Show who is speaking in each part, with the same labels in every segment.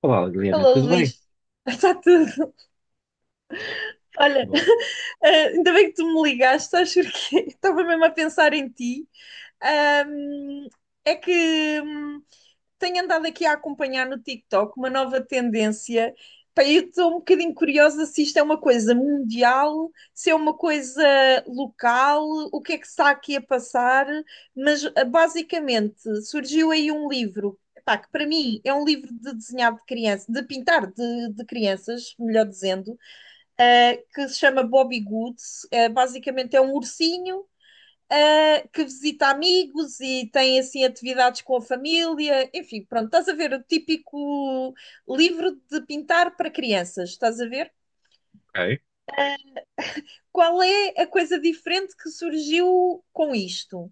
Speaker 1: Olá, Liliana,
Speaker 2: Alô,
Speaker 1: tudo bem?
Speaker 2: Luís. Está tudo. Olha,
Speaker 1: Boa.
Speaker 2: ainda bem que tu me ligaste, sabes porquê? Estava mesmo a pensar em ti. Ahm, É que tenho andado aqui a acompanhar no TikTok uma nova tendência. Pá, eu estou um bocadinho curiosa se isto é uma coisa mundial, se é uma coisa local, o que é que está aqui a passar, mas basicamente surgiu aí um livro, pá, que para mim é um livro de desenhar de criança, de pintar de crianças, melhor dizendo, que se chama Bobby Goods. Ah, basicamente é um ursinho que visita amigos e tem assim atividades com a família. Enfim, pronto, estás a ver o típico livro de pintar para crianças, estás a ver?
Speaker 1: Ok.
Speaker 2: Qual é a coisa diferente que surgiu com isto?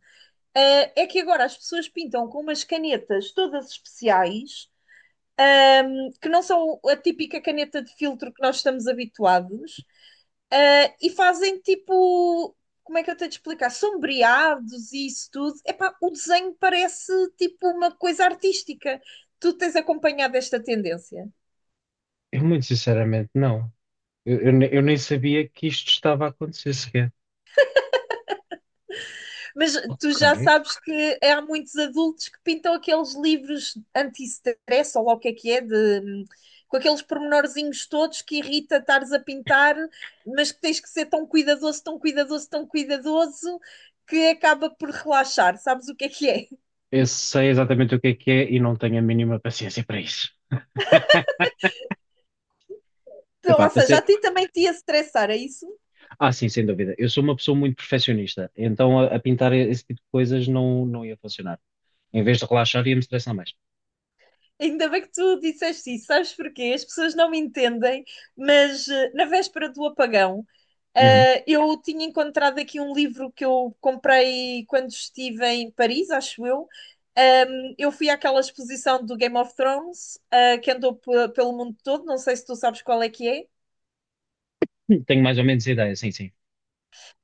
Speaker 2: Ah, é que agora as pessoas pintam com umas canetas todas especiais, que não são a típica caneta de filtro que nós estamos habituados. E fazem tipo, como é que eu tenho de explicar? Sombreados e isso tudo. Epá, o desenho parece tipo uma coisa artística. Tu tens acompanhado esta tendência.
Speaker 1: Eu, muito sinceramente, não. Eu nem sabia que isto estava a acontecer sequer.
Speaker 2: Mas tu
Speaker 1: Ok.
Speaker 2: já sabes que há muitos adultos que pintam aqueles livros anti-stress, ou lá o que é, de, com aqueles pormenorzinhos todos que irrita estares a pintar, mas que tens que ser tão cuidadoso, tão cuidadoso, tão cuidadoso, que acaba por relaxar. Sabes o que é que é?
Speaker 1: Eu sei exatamente o que é e não tenho a mínima paciência para isso. Epá,
Speaker 2: Ou
Speaker 1: para
Speaker 2: seja, a
Speaker 1: ser...
Speaker 2: ti também te ia estressar, é isso?
Speaker 1: Ah, sim, sem dúvida. Eu sou uma pessoa muito perfeccionista, então a pintar esse tipo de coisas não ia funcionar. Em vez de relaxar, ia me estressar mais.
Speaker 2: Ainda bem que tu disseste isso, sabes porquê? As pessoas não me entendem, mas na véspera do apagão,
Speaker 1: Uhum.
Speaker 2: eu tinha encontrado aqui um livro que eu comprei quando estive em Paris, acho eu. Um, eu fui àquela exposição do Game of Thrones, que andou pelo mundo todo, não sei se tu sabes qual é que é.
Speaker 1: Tenho mais ou menos ideia, sim, sim.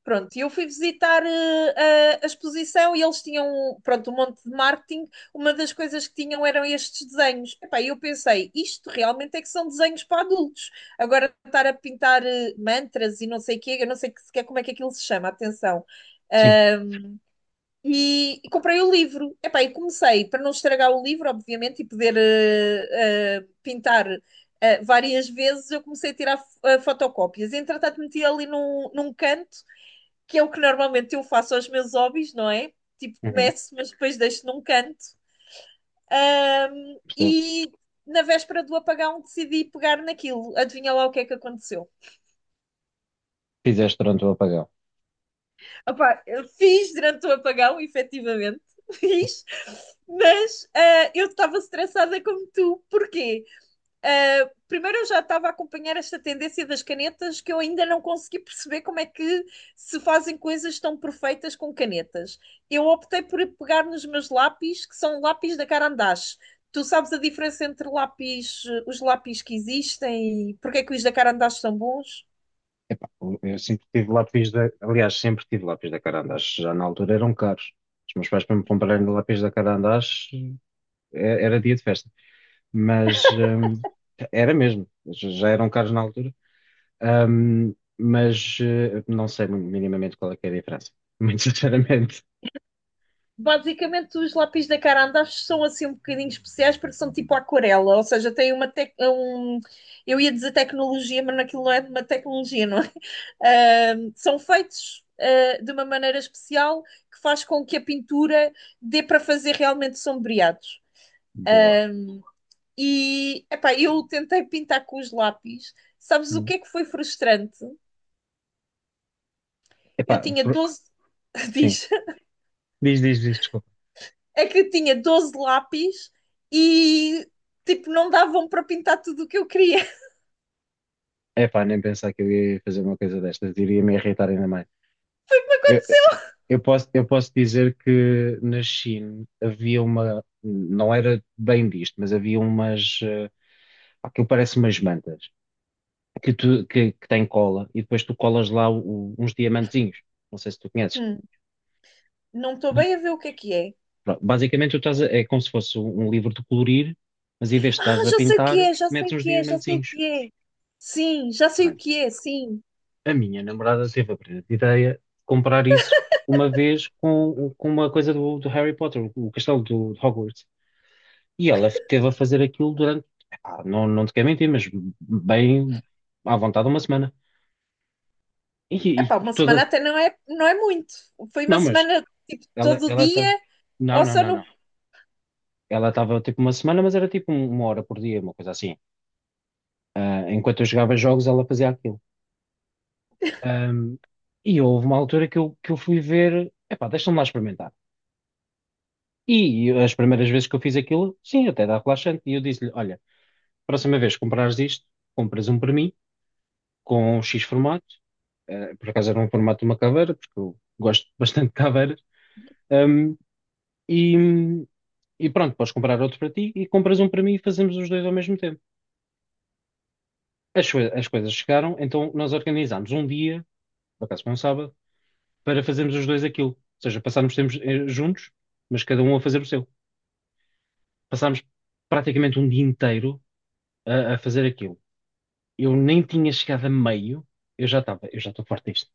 Speaker 2: Pronto, e eu fui visitar a exposição e eles tinham, pronto, um monte de marketing. Uma das coisas que tinham eram estes desenhos. Epá, e eu pensei, isto realmente é que são desenhos para adultos. Agora estar a pintar mantras e não sei o quê, eu não sei sequer como é que aquilo se chama, atenção.
Speaker 1: Sim.
Speaker 2: Ah, e comprei o livro. Epá, e comecei, para não estragar o livro, obviamente, e poder pintar várias vezes, eu comecei a tirar fotocópias. Entretanto, meti ali num canto que é o que normalmente eu faço aos meus hobbies, não é? Tipo,
Speaker 1: Uhum.
Speaker 2: começo, mas depois deixo num canto.
Speaker 1: Percebo.
Speaker 2: E na véspera do apagão decidi pegar naquilo. Adivinha lá o que é que aconteceu.
Speaker 1: Fizeste durante o apagão.
Speaker 2: Opá, eu fiz durante o apagão, efetivamente, fiz, mas eu estava estressada como tu. Porquê? Primeiro, eu já estava a acompanhar esta tendência das canetas que eu ainda não consegui perceber como é que se fazem coisas tão perfeitas com canetas. Eu optei por pegar nos meus lápis, que são lápis da Carandache. Tu sabes a diferença entre lápis, os lápis que existem e porque é que os da Carandache são bons?
Speaker 1: Epá, eu sempre tive lápis da. Aliás, sempre tive lápis da Carandás. Já na altura eram caros. Os meus pais, para me comprarem lápis da Carandás, era dia de festa. Mas era mesmo. Já já eram caros na altura. Não sei minimamente qual é que é a diferença. Muito sinceramente.
Speaker 2: Basicamente, os lápis da Carandache são assim um bocadinho especiais porque são tipo aquarela, ou seja, tem uma um, eu ia dizer tecnologia, mas naquilo não é uma tecnologia, não é? São feitos de uma maneira especial que faz com que a pintura dê para fazer realmente sombreados.
Speaker 1: Boa.
Speaker 2: E epá, eu tentei pintar com os lápis. Sabes o
Speaker 1: Hum.
Speaker 2: que é que foi frustrante?
Speaker 1: Epá,
Speaker 2: Eu tinha
Speaker 1: por-
Speaker 2: 12.
Speaker 1: sim.
Speaker 2: Diz.
Speaker 1: Diz, diz, diz, desculpa.
Speaker 2: É que eu tinha 12 lápis e tipo, não davam para pintar tudo o que eu queria.
Speaker 1: Epá, nem pensar que eu ia fazer uma coisa destas, iria me irritar ainda mais. Eu, eu posso dizer que na China havia uma, não era bem visto, mas havia umas, aquilo parece umas mantas, que tem cola, e depois tu colas lá uns diamantezinhos, não sei se tu conheces.
Speaker 2: Hum, não estou bem a ver o que é que é.
Speaker 1: Pronto, basicamente, é como se fosse um livro de colorir, mas em vez de
Speaker 2: Ah,
Speaker 1: estás a
Speaker 2: já sei o que
Speaker 1: pintar,
Speaker 2: é, já sei
Speaker 1: metes
Speaker 2: o
Speaker 1: uns
Speaker 2: que é, já sei o
Speaker 1: diamantezinhos.
Speaker 2: que é. Sim, já sei o
Speaker 1: Pronto.
Speaker 2: que é, sim.
Speaker 1: A minha namorada teve a brilhante ideia de comprar isso uma vez com uma coisa do Harry Potter, o castelo de Hogwarts. E ela teve a fazer aquilo durante, epá, não te quero mentir, mas bem à vontade uma semana. E, e
Speaker 2: Epá, uma semana
Speaker 1: toda.
Speaker 2: até não é, não é muito. Foi uma
Speaker 1: Não, mas
Speaker 2: semana tipo
Speaker 1: ela
Speaker 2: todo o
Speaker 1: ela estava.
Speaker 2: dia
Speaker 1: Não,
Speaker 2: ou
Speaker 1: não,
Speaker 2: só
Speaker 1: não,
Speaker 2: no,
Speaker 1: não. Ela estava tipo uma semana, mas era tipo uma hora por dia, uma coisa assim. Ah, enquanto eu jogava jogos, ela fazia aquilo. Ahm, e houve uma altura que eu fui ver, epá, deixa-me lá experimentar. E as primeiras vezes que eu fiz aquilo, sim, até dá relaxante. E eu disse-lhe: olha, próxima vez que comprares isto, compras um para mim, com X formato. Eh, por acaso era um formato de uma caveira, porque eu gosto bastante de caveiras. Ahm, e, e pronto, podes comprar outro para ti e compras um para mim e fazemos os dois ao mesmo tempo. As coisas chegaram, então nós organizámos um dia, por acaso foi um sábado, para fazermos os dois aquilo. Ou seja, passámos tempo juntos, mas cada um a fazer o seu. Passámos praticamente um dia inteiro a fazer aquilo. Eu nem tinha chegado a meio, eu já estou farto disto,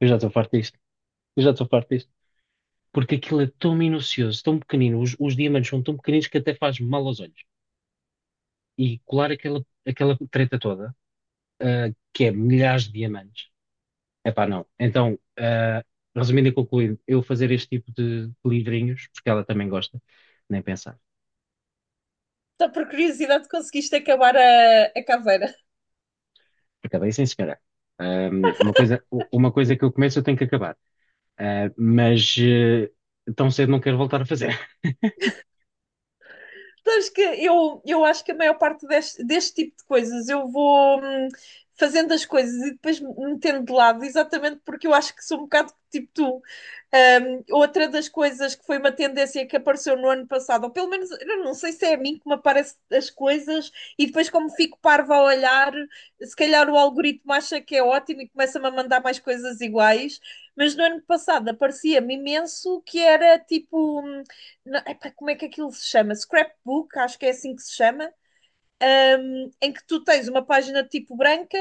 Speaker 1: eu já estou farto disto, eu já estou farto disto. Porque aquilo é tão minucioso, tão pequenino, os diamantes são tão pequeninos que até faz mal aos olhos. E colar aquela treta toda, ah, que é milhares de diamantes, epá, não. Então, ah, resumindo e concluindo, eu fazer este tipo de livrinhos, porque ela também gosta, nem pensar.
Speaker 2: só por curiosidade conseguiste acabar a caveira?
Speaker 1: Acabei sem sequer. Uma coisa que eu começo eu tenho que acabar. Ah, mas eh, Tão cedo não quero voltar a fazer.
Speaker 2: Sabes que eu acho que a maior parte deste, deste tipo de coisas eu vou fazendo as coisas e depois me metendo de lado, exatamente porque eu acho que sou um bocado tipo tu. Outra das coisas que foi uma tendência que apareceu no ano passado, ou pelo menos eu não sei se é a mim que me aparecem as coisas, e depois, como fico parva a olhar, se calhar o algoritmo acha que é ótimo e começa-me a mandar mais coisas iguais. Mas no ano passado aparecia-me imenso que era tipo. Não, epá, como é que aquilo se chama? Scrapbook, acho que é assim que se chama, em que tu tens uma página de tipo branca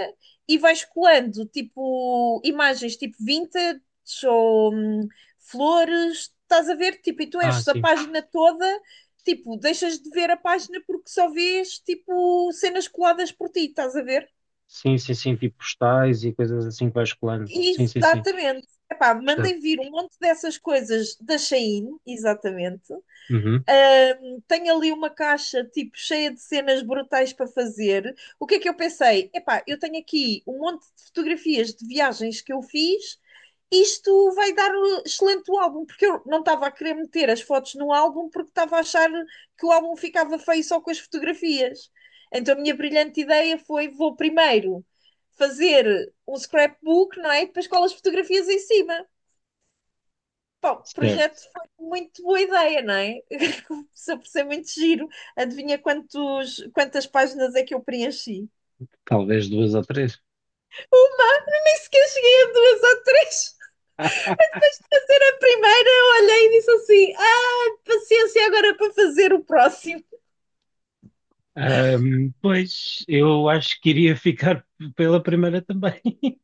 Speaker 2: e vais colando tipo imagens tipo vintage ou flores, estás a ver? Tipo, e tu
Speaker 1: Ah,
Speaker 2: enches a
Speaker 1: sim.
Speaker 2: página toda, tipo, deixas de ver a página porque só vês tipo cenas coladas por ti, estás a ver?
Speaker 1: Sim, sim, sim. Tipo postais e coisas assim que vais colando. Sim, sim, sim.
Speaker 2: Exatamente. Epá,
Speaker 1: Percebo.
Speaker 2: mandem vir um monte dessas coisas da Shein, exatamente.
Speaker 1: Uhum.
Speaker 2: Tenho ali uma caixa tipo cheia de cenas brutais para fazer. O que é que eu pensei? Epá, eu tenho aqui um monte de fotografias de viagens que eu fiz. Isto vai dar um excelente álbum, porque eu não estava a querer meter as fotos no álbum porque estava a achar que o álbum ficava feio só com as fotografias. Então a minha brilhante ideia foi: vou primeiro fazer um scrapbook, não é? E depois colo as fotografias em cima. Pá, o
Speaker 1: Certo.
Speaker 2: projeto foi muito boa ideia, não é? Começou por ser muito giro. Adivinha quantos, quantas páginas é que eu preenchi?
Speaker 1: Talvez duas ou três.
Speaker 2: Nem sequer cheguei a duas ou três. A primeira eu olhei e disse assim: ah, paciência agora para fazer o próximo.
Speaker 1: Pois, eu acho que iria ficar pela primeira também.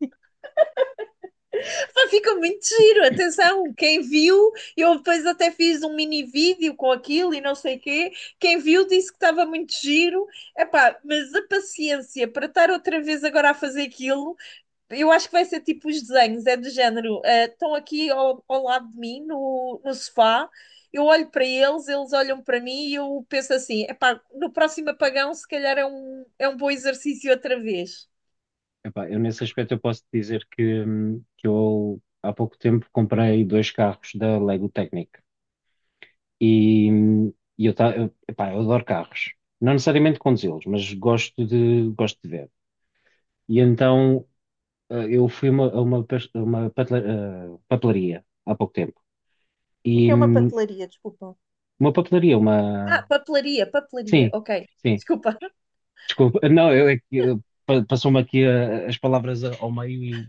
Speaker 2: Pá, ficou muito giro, atenção. Quem viu, eu depois até fiz um mini vídeo com aquilo e não sei o quê. Quem viu disse que estava muito giro. Epá, mas a paciência para estar outra vez agora a fazer aquilo, eu acho que vai ser tipo os desenhos, é do género. Estão aqui ao lado de mim, no sofá, eu olho para eles, eles olham para mim e eu penso assim: epá, no próximo apagão, se calhar é é um bom exercício outra vez.
Speaker 1: Epá, eu nesse aspecto eu posso te dizer que eu há pouco tempo comprei dois carros da Lego Technic e, epá, eu adoro carros. Não necessariamente conduzi-los, mas gosto de ver. E então eu fui a uma, pas- a uma patela- eh, papelaria há pouco tempo.
Speaker 2: O que é uma papelaria, desculpa.
Speaker 1: Uma papelaria,
Speaker 2: Ah,
Speaker 1: uma.
Speaker 2: papelaria, papelaria,
Speaker 1: Sim,
Speaker 2: ok.
Speaker 1: sim.
Speaker 2: Desculpa.
Speaker 1: Desculpa. Não, eu, é que, passou-me aqui as palavras ao meio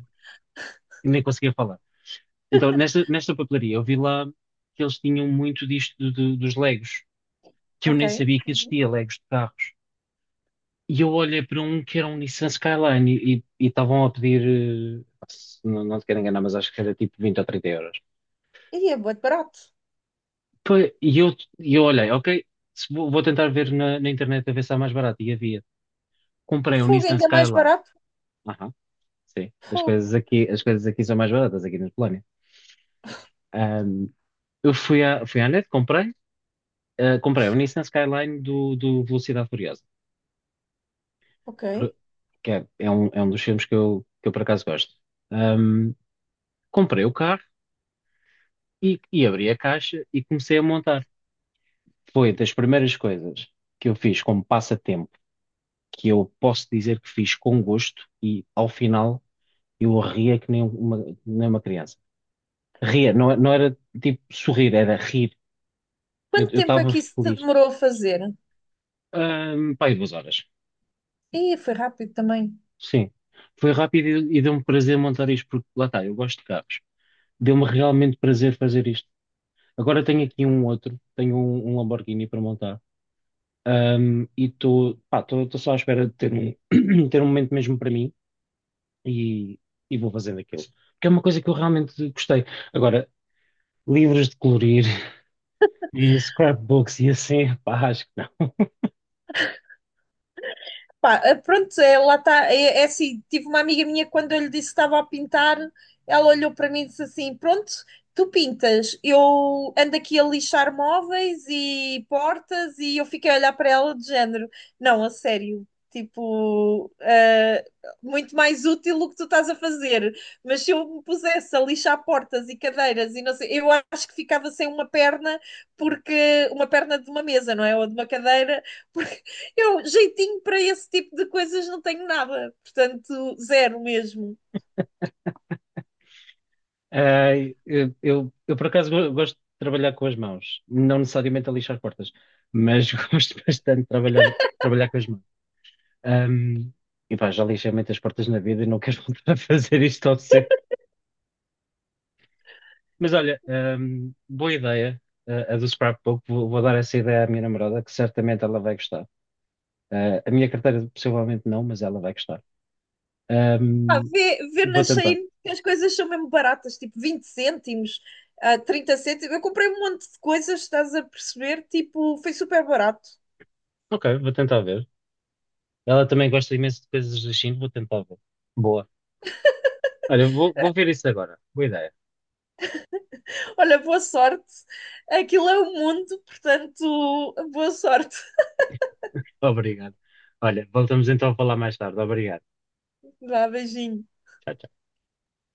Speaker 1: e nem conseguia falar. Então, nesta papelaria, eu vi lá que eles tinham muito disto dos Legos, que eu
Speaker 2: Ok.
Speaker 1: nem sabia que existia Legos de carros. E eu olhei para um que era um Nissan Skyline e estavam a pedir, não, não te quero enganar, mas acho que era tipo 20 ou 30 euros.
Speaker 2: E é bué de barato.
Speaker 1: Pá, E eu, e eu olhei, ok, se vou, vou tentar ver na internet a ver se há mais barato. E havia. Comprei um
Speaker 2: Fogo,
Speaker 1: Nissan
Speaker 2: ainda mais
Speaker 1: Skyline.
Speaker 2: barato.
Speaker 1: Sim,
Speaker 2: Fogo.
Speaker 1: as coisas aqui são mais baratas, aqui na Polónia. Ahm, eu fui à net, comprei, ah, comprei o Nissan Skyline do Velocidade Furiosa,
Speaker 2: Ok.
Speaker 1: por- que é, é um dos filmes que eu por acaso gosto. Ahm, Comprei o carro e abri a caixa e comecei a montar. Foi das primeiras coisas que eu fiz como passatempo, que eu posso dizer que fiz com gosto e ao final eu ria que nem uma, nem uma criança. Ria, não, não era tipo sorrir, era rir. Eu
Speaker 2: Quanto tempo é
Speaker 1: estava
Speaker 2: que isso te
Speaker 1: feliz.
Speaker 2: demorou a fazer?
Speaker 1: Pá, aí 2 horas.
Speaker 2: Ih, foi rápido também.
Speaker 1: Sim. Foi rápido e deu-me prazer montar isto, porque lá está, eu gosto de carros. Deu-me realmente prazer fazer isto. Agora tenho aqui um outro, tenho um Lamborghini para montar. E estou, pá, estou só à espera de ter um, ter um momento mesmo para mim e, e vou fazendo aquilo. Porque é uma coisa que eu realmente gostei. Agora, livros de colorir e scrapbooks e assim, pá, acho que não.
Speaker 2: Pá, pronto, é, lá está. É, é assim, tive uma amiga minha que quando eu lhe disse que estava a pintar, ela olhou para mim e disse assim: Pronto, tu pintas, eu ando aqui a lixar móveis e portas, e eu fiquei a olhar para ela de género: Não, a sério, tipo, muito mais útil o que tu estás a fazer. Mas se eu me pusesse a lixar portas e cadeiras e não sei, eu acho que ficava sem uma perna, porque uma perna de uma mesa, não é? Ou de uma cadeira. Eu, jeitinho para esse tipo de coisas, não tenho nada. Portanto, zero mesmo.
Speaker 1: Ah, eu, por acaso gosto de trabalhar com as mãos, não necessariamente a lixar portas, mas gosto bastante de trabalhar com as mãos. Ahm, e pá, já lixei muitas portas na vida e não quero voltar a fazer isto tão cedo. Mas olha, boa ideia, ah, a do scrapbook. Vou dar essa ideia à minha namorada, que certamente ela vai gostar. Ah, a minha carteira possivelmente não, mas ela vai gostar.
Speaker 2: Ah,
Speaker 1: Ahm,
Speaker 2: vê, vê
Speaker 1: vou
Speaker 2: na
Speaker 1: tentar.
Speaker 2: Shein que as coisas são mesmo baratas, tipo 20 cêntimos, ah, 30 cêntimos. Eu comprei um monte de coisas, estás a perceber? Tipo, foi super barato.
Speaker 1: Ok, vou tentar ver. Ela também gosta imenso de coisas da China, vou tentar ver. Boa. Olha, vou ver isso agora. Boa ideia.
Speaker 2: Olha, boa sorte. Aquilo é o mundo, portanto, boa sorte.
Speaker 1: Obrigado. Olha, voltamos então a falar mais tarde. Obrigado.
Speaker 2: Vá, beijinho.
Speaker 1: Tchau,